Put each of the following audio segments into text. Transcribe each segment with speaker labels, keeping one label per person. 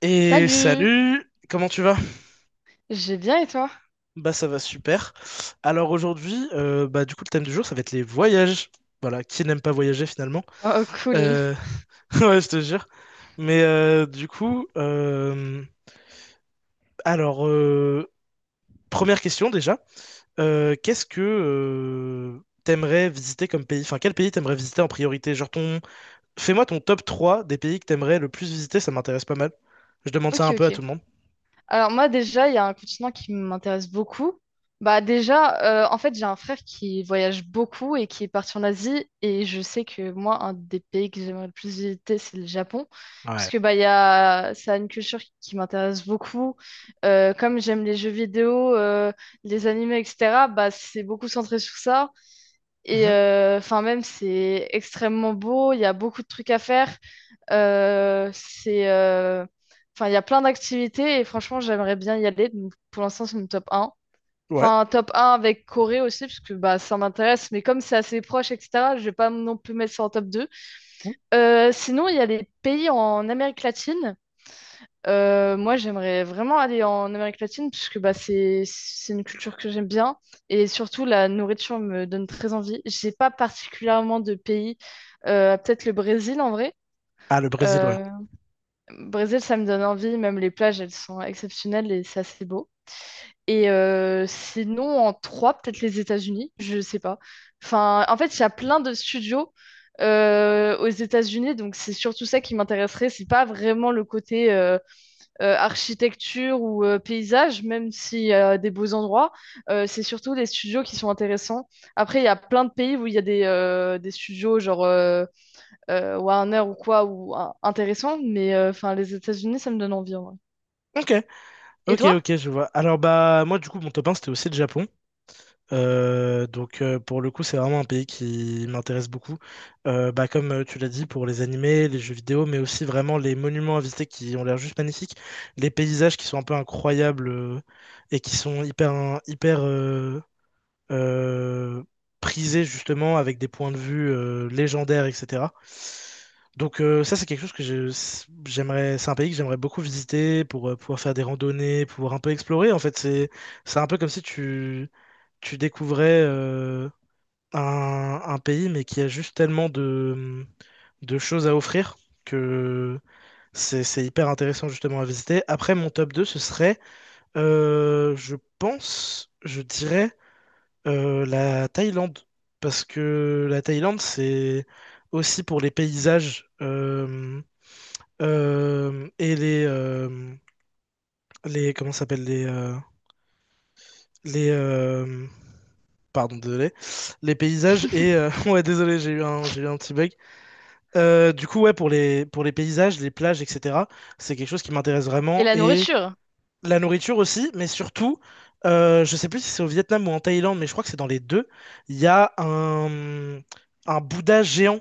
Speaker 1: Et
Speaker 2: Salut!
Speaker 1: salut, comment tu vas?
Speaker 2: J'ai bien et toi?
Speaker 1: Bah ça va super. Alors aujourd'hui, bah du coup le thème du jour ça va être les voyages. Voilà, qui n'aime pas voyager finalement?
Speaker 2: Oh, cool.
Speaker 1: Euh, Ouais, je te jure. Mais du coup, alors première question déjà, qu'est-ce que t'aimerais visiter comme pays? Enfin, quel pays t'aimerais visiter en priorité? Fais-moi ton top 3 des pays que t'aimerais le plus visiter, ça m'intéresse pas mal. Je demande ça
Speaker 2: Ok,
Speaker 1: un peu à
Speaker 2: ok.
Speaker 1: tout le monde.
Speaker 2: Alors moi déjà, il y a un continent qui m'intéresse beaucoup. Bah déjà, en fait, j'ai un frère qui voyage beaucoup et qui est parti en Asie. Et je sais que moi, un des pays que j'aimerais le plus visiter, c'est le Japon. Parce
Speaker 1: Ouais.
Speaker 2: que bah, ça a une culture qui m'intéresse beaucoup. Comme j'aime les jeux vidéo, les animés, etc., bah, c'est beaucoup centré sur ça. Et
Speaker 1: Mhm.
Speaker 2: enfin, même, c'est extrêmement beau, il y a beaucoup de trucs à faire. Euh, c'est, euh, enfin, il y a plein d'activités et franchement, j'aimerais bien y aller. Donc, pour l'instant, c'est mon top un.
Speaker 1: Ouais.
Speaker 2: Enfin, top un avec Corée aussi, parce que bah, ça m'intéresse, mais comme c'est assez proche, etc., je vais pas non plus mettre ça en top 2.
Speaker 1: Mhm.
Speaker 2: Sinon, il y a les pays en Amérique latine. Moi, j'aimerais vraiment aller en Amérique latine puisque bah, c'est une culture que j'aime bien et surtout la nourriture me donne très envie. J'ai pas particulièrement de pays, peut-être le Brésil en vrai.
Speaker 1: Ah, le Brésil, ouais.
Speaker 2: Euh, Brésil, ça me donne envie, même les plages, elles sont exceptionnelles et c'est assez beau. Et sinon, en trois, peut-être les États-Unis, je sais pas. Enfin, en fait, il y a plein de studios aux États-Unis, donc c'est surtout ça qui m'intéresserait. C'est pas vraiment le côté, architecture ou paysage, même s'il y a des beaux endroits, c'est surtout les studios qui sont intéressants. Après, il y a plein de pays où il y a des studios genre Warner ou quoi, ou intéressants, mais enfin les États-Unis, ça me donne envie, en vrai.
Speaker 1: Ok,
Speaker 2: Et
Speaker 1: ok,
Speaker 2: toi?
Speaker 1: ok, je vois. Alors, bah, moi, du coup, mon top 1, c'était aussi le Japon. Donc, pour le coup, c'est vraiment un pays qui m'intéresse beaucoup. Bah, comme tu l'as dit, pour les animés, les jeux vidéo, mais aussi vraiment les monuments à visiter qui ont l'air juste magnifiques, les paysages qui sont un peu incroyables et qui sont hyper, hyper, euh, prisé justement avec des points de vue légendaires, etc. Donc ça, c'est quelque chose que j'aimerais, c'est un pays que j'aimerais beaucoup visiter pour pouvoir faire des randonnées, pouvoir un peu explorer. En fait, c'est un peu comme si tu découvrais un pays, mais qui a juste tellement de choses à offrir que c'est hyper intéressant justement à visiter. Après, mon top 2 ce serait, je pense, je dirais la Thaïlande, parce que la Thaïlande, c'est aussi pour les paysages et les comment ça s'appelle les pardon désolé les paysages et ouais désolé j'ai eu un petit bug. Du coup ouais pour les paysages, les plages etc. C'est quelque chose qui m'intéresse
Speaker 2: Et
Speaker 1: vraiment
Speaker 2: la
Speaker 1: et
Speaker 2: nourriture?
Speaker 1: la nourriture aussi, mais surtout, je sais plus si c'est au Vietnam ou en Thaïlande, mais je crois que c'est dans les deux. Il y a un Bouddha géant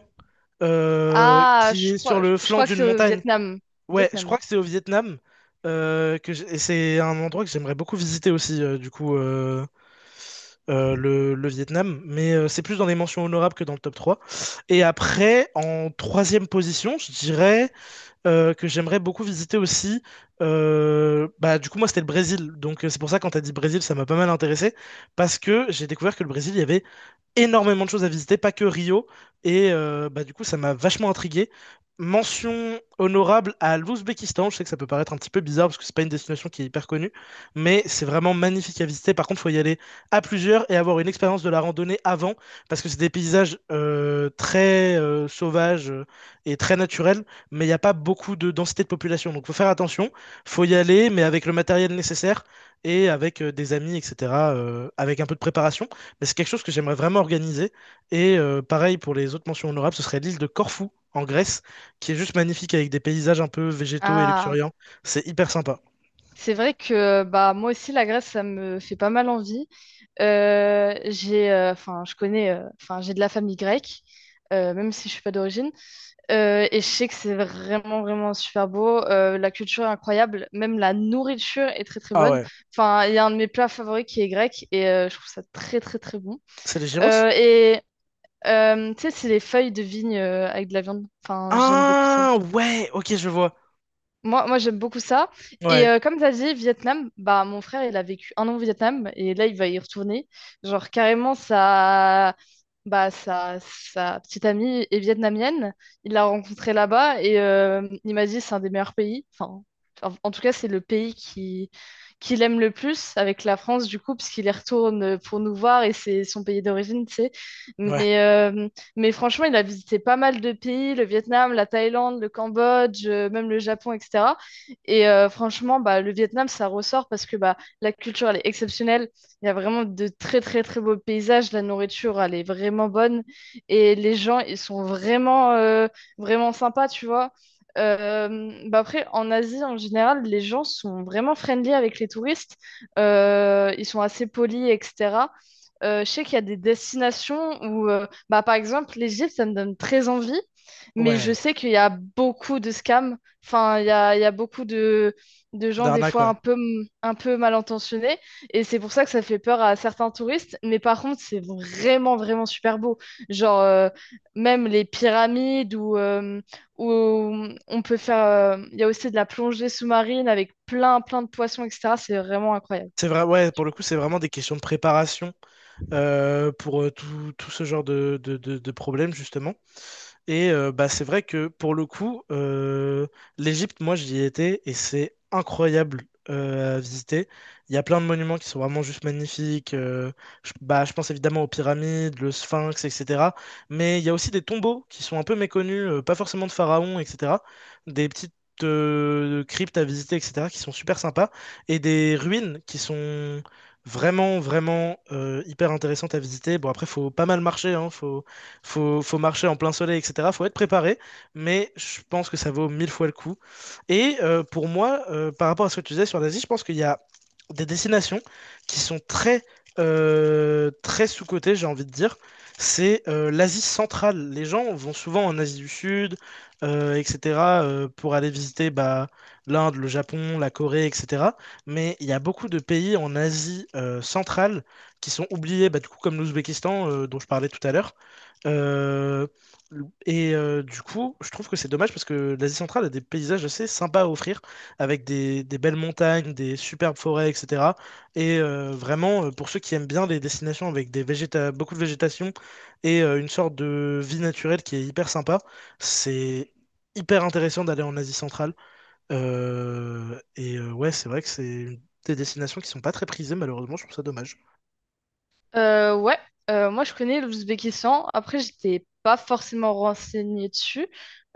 Speaker 2: Ah,
Speaker 1: qui est sur le
Speaker 2: je
Speaker 1: flanc
Speaker 2: crois que
Speaker 1: d'une
Speaker 2: c'est au
Speaker 1: montagne.
Speaker 2: Vietnam.
Speaker 1: Ouais, je
Speaker 2: Vietnam.
Speaker 1: crois que c'est au Vietnam. Et c'est un endroit que j'aimerais beaucoup visiter aussi, du coup, le Vietnam. Mais c'est plus dans les mentions honorables que dans le top 3. Et après, en troisième position, je dirais que j'aimerais beaucoup visiter aussi. Bah, du coup, moi, c'était le Brésil. Donc, c'est pour ça, quand tu as dit Brésil, ça m'a pas mal intéressé. Parce que j'ai découvert que le Brésil, il y avait énormément de choses à visiter, pas que Rio. Et bah, du coup, ça m'a vachement intrigué. Mention honorable à l'Ouzbékistan. Je sais que ça peut paraître un petit peu bizarre parce que c'est pas une destination qui est hyper connue, mais c'est vraiment magnifique à visiter. Par contre, faut y aller à plusieurs et avoir une expérience de la randonnée avant parce que c'est des paysages très sauvages et très naturels, mais il n'y a pas beaucoup de densité de population. Donc, faut faire attention. Faut y aller, mais avec le matériel nécessaire et avec des amis, etc. Avec un peu de préparation. Et c'est quelque chose que j'aimerais vraiment organiser. Et pareil pour les autres mentions honorables, ce serait l'île de Corfou, en Grèce, qui est juste magnifique avec des paysages un peu végétaux et
Speaker 2: Ah,
Speaker 1: luxuriants. C'est hyper sympa.
Speaker 2: c'est vrai que bah moi aussi la Grèce, ça me fait pas mal envie. Enfin, enfin, j'ai de la famille grecque, même si je suis pas d'origine. Et je sais que c'est vraiment, vraiment super beau. La culture est incroyable. Même la nourriture est très, très
Speaker 1: Ah
Speaker 2: bonne.
Speaker 1: ouais.
Speaker 2: Enfin, il y a un de mes plats favoris qui est grec et je trouve ça très, très, très bon.
Speaker 1: C'est les gyros?
Speaker 2: Et tu sais, c'est les feuilles de vigne avec de la viande. Enfin, j'aime beaucoup ça.
Speaker 1: Ah ouais, ok, je vois.
Speaker 2: Moi j'aime beaucoup ça. Et
Speaker 1: Ouais,
Speaker 2: comme tu as dit, Vietnam, bah, mon frère, il a vécu 1 an au Vietnam et là, il va y retourner. Genre, carrément, bah, sa petite amie est vietnamienne. Il l'a rencontrée là-bas et il m'a dit c'est un des meilleurs pays. Enfin, en tout cas, c'est le pays qu'il aime le plus avec la France, du coup, parce qu'il y retourne pour nous voir et c'est son pays d'origine, tu sais.
Speaker 1: ouais,
Speaker 2: Mais euh, mais franchement, il a visité pas mal de pays, le Vietnam, la Thaïlande, le Cambodge, même le Japon, etc. Et franchement, bah, le Vietnam, ça ressort parce que bah, la culture, elle est exceptionnelle. Il y a vraiment de très, très, très beaux paysages. La nourriture, elle est vraiment bonne. Et les gens, ils sont vraiment sympas, tu vois. Bah après, en Asie, en général, les gens sont vraiment friendly avec les touristes. Ils sont assez polis, etc. Je sais qu'il y a des destinations où bah, par exemple, l'Égypte, ça me donne très envie, mais je
Speaker 1: ouais.
Speaker 2: sais qu'il y a beaucoup de scams. Enfin, il y a beaucoup de gens, des
Speaker 1: D'arnaque,
Speaker 2: fois,
Speaker 1: ouais.
Speaker 2: un peu, un peu mal intentionnés. Et c'est pour ça que ça fait peur à certains touristes. Mais par contre, c'est vraiment, vraiment super beau. Genre, même les pyramides où on peut faire. Il y a aussi de la plongée sous-marine avec plein, plein de poissons, etc. C'est vraiment incroyable.
Speaker 1: C'est vrai, ouais, pour le coup, c'est vraiment des questions de préparation pour tout ce genre de problèmes, justement. Et bah, c'est vrai que pour le coup, l'Égypte, moi j'y ai été et c'est incroyable à visiter. Il y a plein de monuments qui sont vraiment juste magnifiques. Bah, je pense évidemment aux pyramides, le Sphinx, etc. Mais il y a aussi des tombeaux qui sont un peu méconnus, pas forcément de pharaons, etc. Des petites cryptes à visiter, etc., qui sont super sympas. Et des ruines qui sont vraiment, vraiment hyper intéressantes à visiter. Bon, après, faut pas mal marcher, hein, faut marcher en plein soleil, etc. Faut être préparé, mais je pense que ça vaut mille fois le coup. Et pour moi, par rapport à ce que tu disais sur l'Asie, je pense qu'il y a des destinations qui sont très sous-cotées, j'ai envie de dire. C'est l'Asie centrale. Les gens vont souvent en Asie du Sud, etc., pour aller visiter bah, l'Inde, le Japon, la Corée, etc. Mais il y a beaucoup de pays en Asie centrale qui sont oubliés, bah, du coup, comme l'Ouzbékistan, dont je parlais tout à l'heure. Euh, et du coup, je trouve que c'est dommage parce que l'Asie centrale a des paysages assez sympas à offrir, avec des belles montagnes, des superbes forêts, etc. Et vraiment, pour ceux qui aiment bien les destinations avec des végéta beaucoup de végétation et une sorte de vie naturelle qui est hyper sympa, c'est hyper intéressant d'aller en Asie centrale. Et ouais, c'est vrai que c'est des destinations qui sont pas très prisées, malheureusement, je trouve ça dommage.
Speaker 2: Ouais, moi je connais l'Ouzbékistan. Après, j'étais pas forcément renseignée dessus.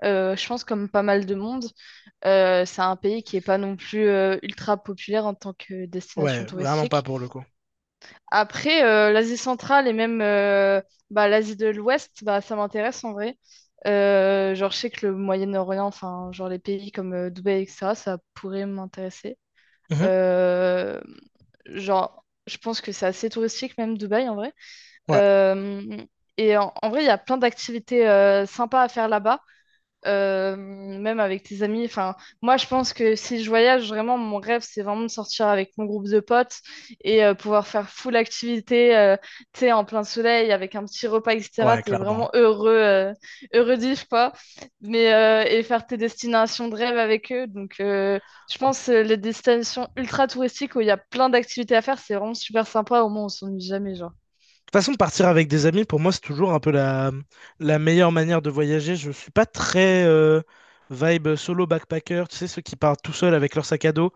Speaker 2: Je pense comme pas mal de monde, c'est un pays qui est pas non plus ultra populaire en tant que
Speaker 1: Ouais,
Speaker 2: destination
Speaker 1: vraiment pas
Speaker 2: touristique.
Speaker 1: pour le coup.
Speaker 2: Après, l'Asie centrale et même bah, l'Asie de l'Ouest, bah, ça m'intéresse en vrai. Genre, je sais que le Moyen-Orient, enfin, genre les pays comme Dubaï, etc., ça pourrait m'intéresser.
Speaker 1: Mhm.
Speaker 2: Euh, genre, je pense que c'est assez touristique même Dubaï en vrai.
Speaker 1: Ouais,
Speaker 2: Euh, et en vrai, il y a plein d'activités sympas à faire là-bas, même avec tes amis. Enfin, moi, je pense que si je voyage, vraiment, mon rêve, c'est vraiment de sortir avec mon groupe de potes et pouvoir faire full activité, tu sais, en plein soleil, avec un petit repas, etc.
Speaker 1: ouais,
Speaker 2: T'es
Speaker 1: clairement, hein.
Speaker 2: vraiment heureux, heureux d'y, quoi. Mais, et faire tes destinations de rêve avec eux. Donc, je pense les destinations ultra touristiques où il y a plein d'activités à faire, c'est vraiment super sympa. Au moins, on s'ennuie jamais, genre.
Speaker 1: Toute façon, partir avec des amis, pour moi, c'est toujours un peu la meilleure manière de voyager. Je suis pas très vibe solo backpacker, tu sais, ceux qui partent tout seuls avec leur sac à dos.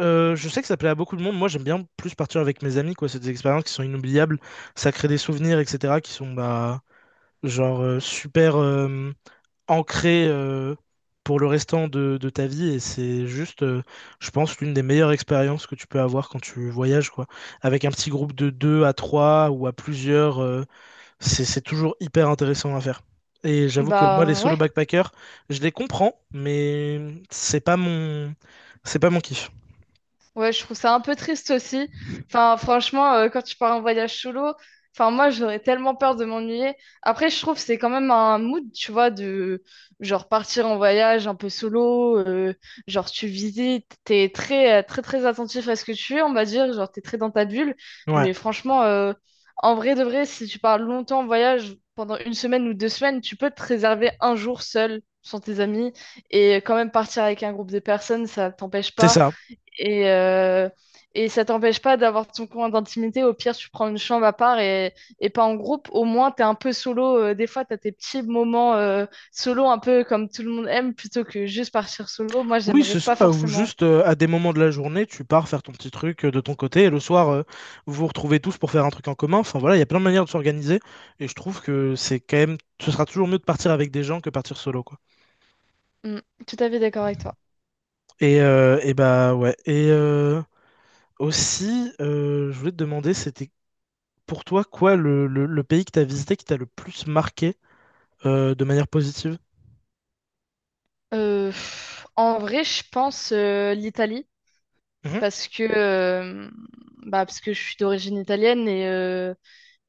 Speaker 1: Je sais que ça plaît à beaucoup de monde. Moi, j'aime bien plus partir avec mes amis, quoi. C'est des expériences qui sont inoubliables. Ça crée des souvenirs, etc., qui sont, bah, genre, super ancrés pour le restant de ta vie. Et c'est juste, je pense, l'une des meilleures expériences que tu peux avoir quand tu voyages, quoi. Avec un petit groupe de deux à trois ou à plusieurs. C'est toujours hyper intéressant à faire. Et j'avoue que moi, les
Speaker 2: Bah
Speaker 1: solo
Speaker 2: ouais.
Speaker 1: backpackers, je les comprends, mais c'est pas mon, c'est pas mon kiff.
Speaker 2: Ouais, je trouve ça un peu triste aussi. Enfin, franchement, quand tu pars en voyage solo, enfin, moi, j'aurais tellement peur de m'ennuyer. Après, je trouve que c'est quand même un mood, tu vois, de genre partir en voyage un peu solo. Genre, tu visites, t'es très, très attentif à ce que tu es, on va dire. Genre, t'es très dans ta bulle.
Speaker 1: Ouais,
Speaker 2: Mais franchement, en vrai de vrai, si tu pars longtemps en voyage, pendant 1 semaine ou 2 semaines, tu peux te réserver un jour seul, sans tes amis, et quand même partir avec un groupe de personnes, ça t'empêche
Speaker 1: c'est
Speaker 2: pas.
Speaker 1: ça.
Speaker 2: Et, euh, et ça t'empêche pas d'avoir ton coin d'intimité. Au pire, tu prends une chambre à part et pas en groupe. Au moins, t'es un peu solo. Des fois, t'as tes petits moments solo, un peu comme tout le monde aime, plutôt que juste partir solo. Moi,
Speaker 1: Oui,
Speaker 2: j'aimerais
Speaker 1: c'est
Speaker 2: pas
Speaker 1: ça. Ou
Speaker 2: forcément.
Speaker 1: juste à des moments de la journée, tu pars faire ton petit truc de ton côté, et le soir, vous vous retrouvez tous pour faire un truc en commun. Enfin voilà, il y a plein de manières de s'organiser, et je trouve que c'est quand même, ce sera toujours mieux de partir avec des gens que partir solo, quoi.
Speaker 2: Mm, tout à fait d'accord avec toi.
Speaker 1: Et bah ouais. Et aussi, je voulais te demander, c'était pour toi, quoi, le pays que tu as visité qui t'a le plus marqué de manière positive?
Speaker 2: En vrai, je pense l'Italie,
Speaker 1: Mhm.
Speaker 2: parce que, euh, bah, parce que je suis d'origine italienne et, euh,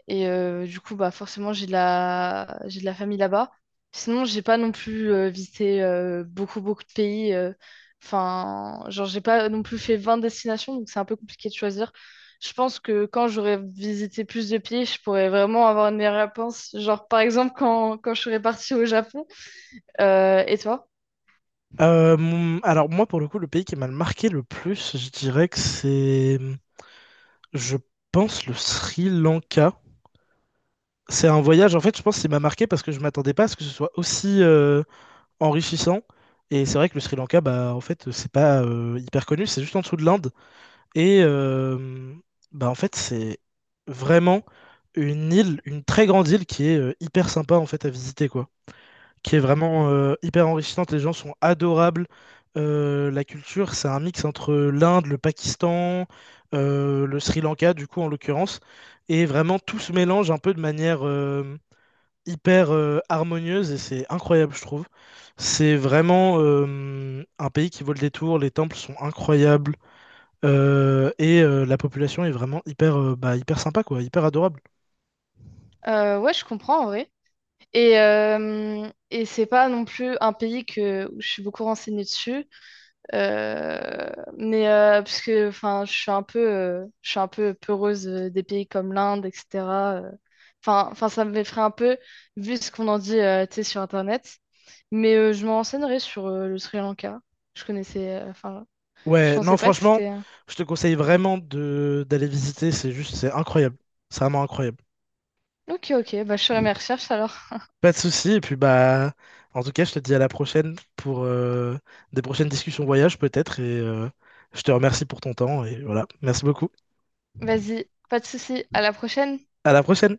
Speaker 2: Et euh, du coup, bah, forcément, j'ai de la famille là-bas. Sinon, j'ai pas non plus visité beaucoup, beaucoup de pays. Enfin, genre, j'ai pas non plus fait 20 destinations, donc c'est un peu compliqué de choisir. Je pense que quand j'aurais visité plus de pays, je pourrais vraiment avoir une meilleure réponse. Genre, par exemple, quand je serais partie au Japon. Et toi?
Speaker 1: Alors moi, pour le coup, le pays qui m'a le marqué le plus, je dirais que c'est, je pense, le Sri Lanka. C'est un voyage, en fait, je pense qui m'a marqué parce que je m'attendais pas à ce que ce soit aussi enrichissant. Et c'est vrai que le Sri Lanka, bah, en fait, c'est pas hyper connu, c'est juste en dessous de l'Inde. Et bah en fait, c'est vraiment une île, une très grande île qui est hyper sympa en fait à visiter quoi. Qui est vraiment hyper enrichissante. Les gens sont adorables. La culture, c'est un mix entre l'Inde, le Pakistan, le Sri Lanka du coup en l'occurrence. Et vraiment tout se mélange un peu de manière hyper harmonieuse et c'est incroyable je trouve. C'est vraiment un pays qui vaut le détour. Les temples sont incroyables. Et la population est vraiment hyper, bah, hyper sympa, quoi, hyper adorable.
Speaker 2: Ouais, je comprends en vrai. Et c'est pas non plus un pays où je suis beaucoup renseignée dessus. Euh, mais parce que enfin, je suis un peu, je suis un peu peureuse des pays comme l'Inde, etc. euh. Enfin, ça m'effraie un peu vu ce qu'on en dit, tu sais, sur Internet. Mais je me renseignerai sur le Sri Lanka. Enfin, je
Speaker 1: Ouais, non,
Speaker 2: pensais pas que
Speaker 1: franchement,
Speaker 2: c'était.
Speaker 1: je te conseille vraiment de d'aller visiter, c'est juste, c'est incroyable. C'est vraiment incroyable.
Speaker 2: Ok, ok, bah je ferai mes recherches alors.
Speaker 1: Pas de souci, et puis bah, en tout cas, je te dis à la prochaine pour des prochaines discussions voyage peut-être, et je te remercie pour ton temps, et voilà, merci beaucoup.
Speaker 2: Vas-y, pas de souci, à la prochaine.
Speaker 1: À la prochaine!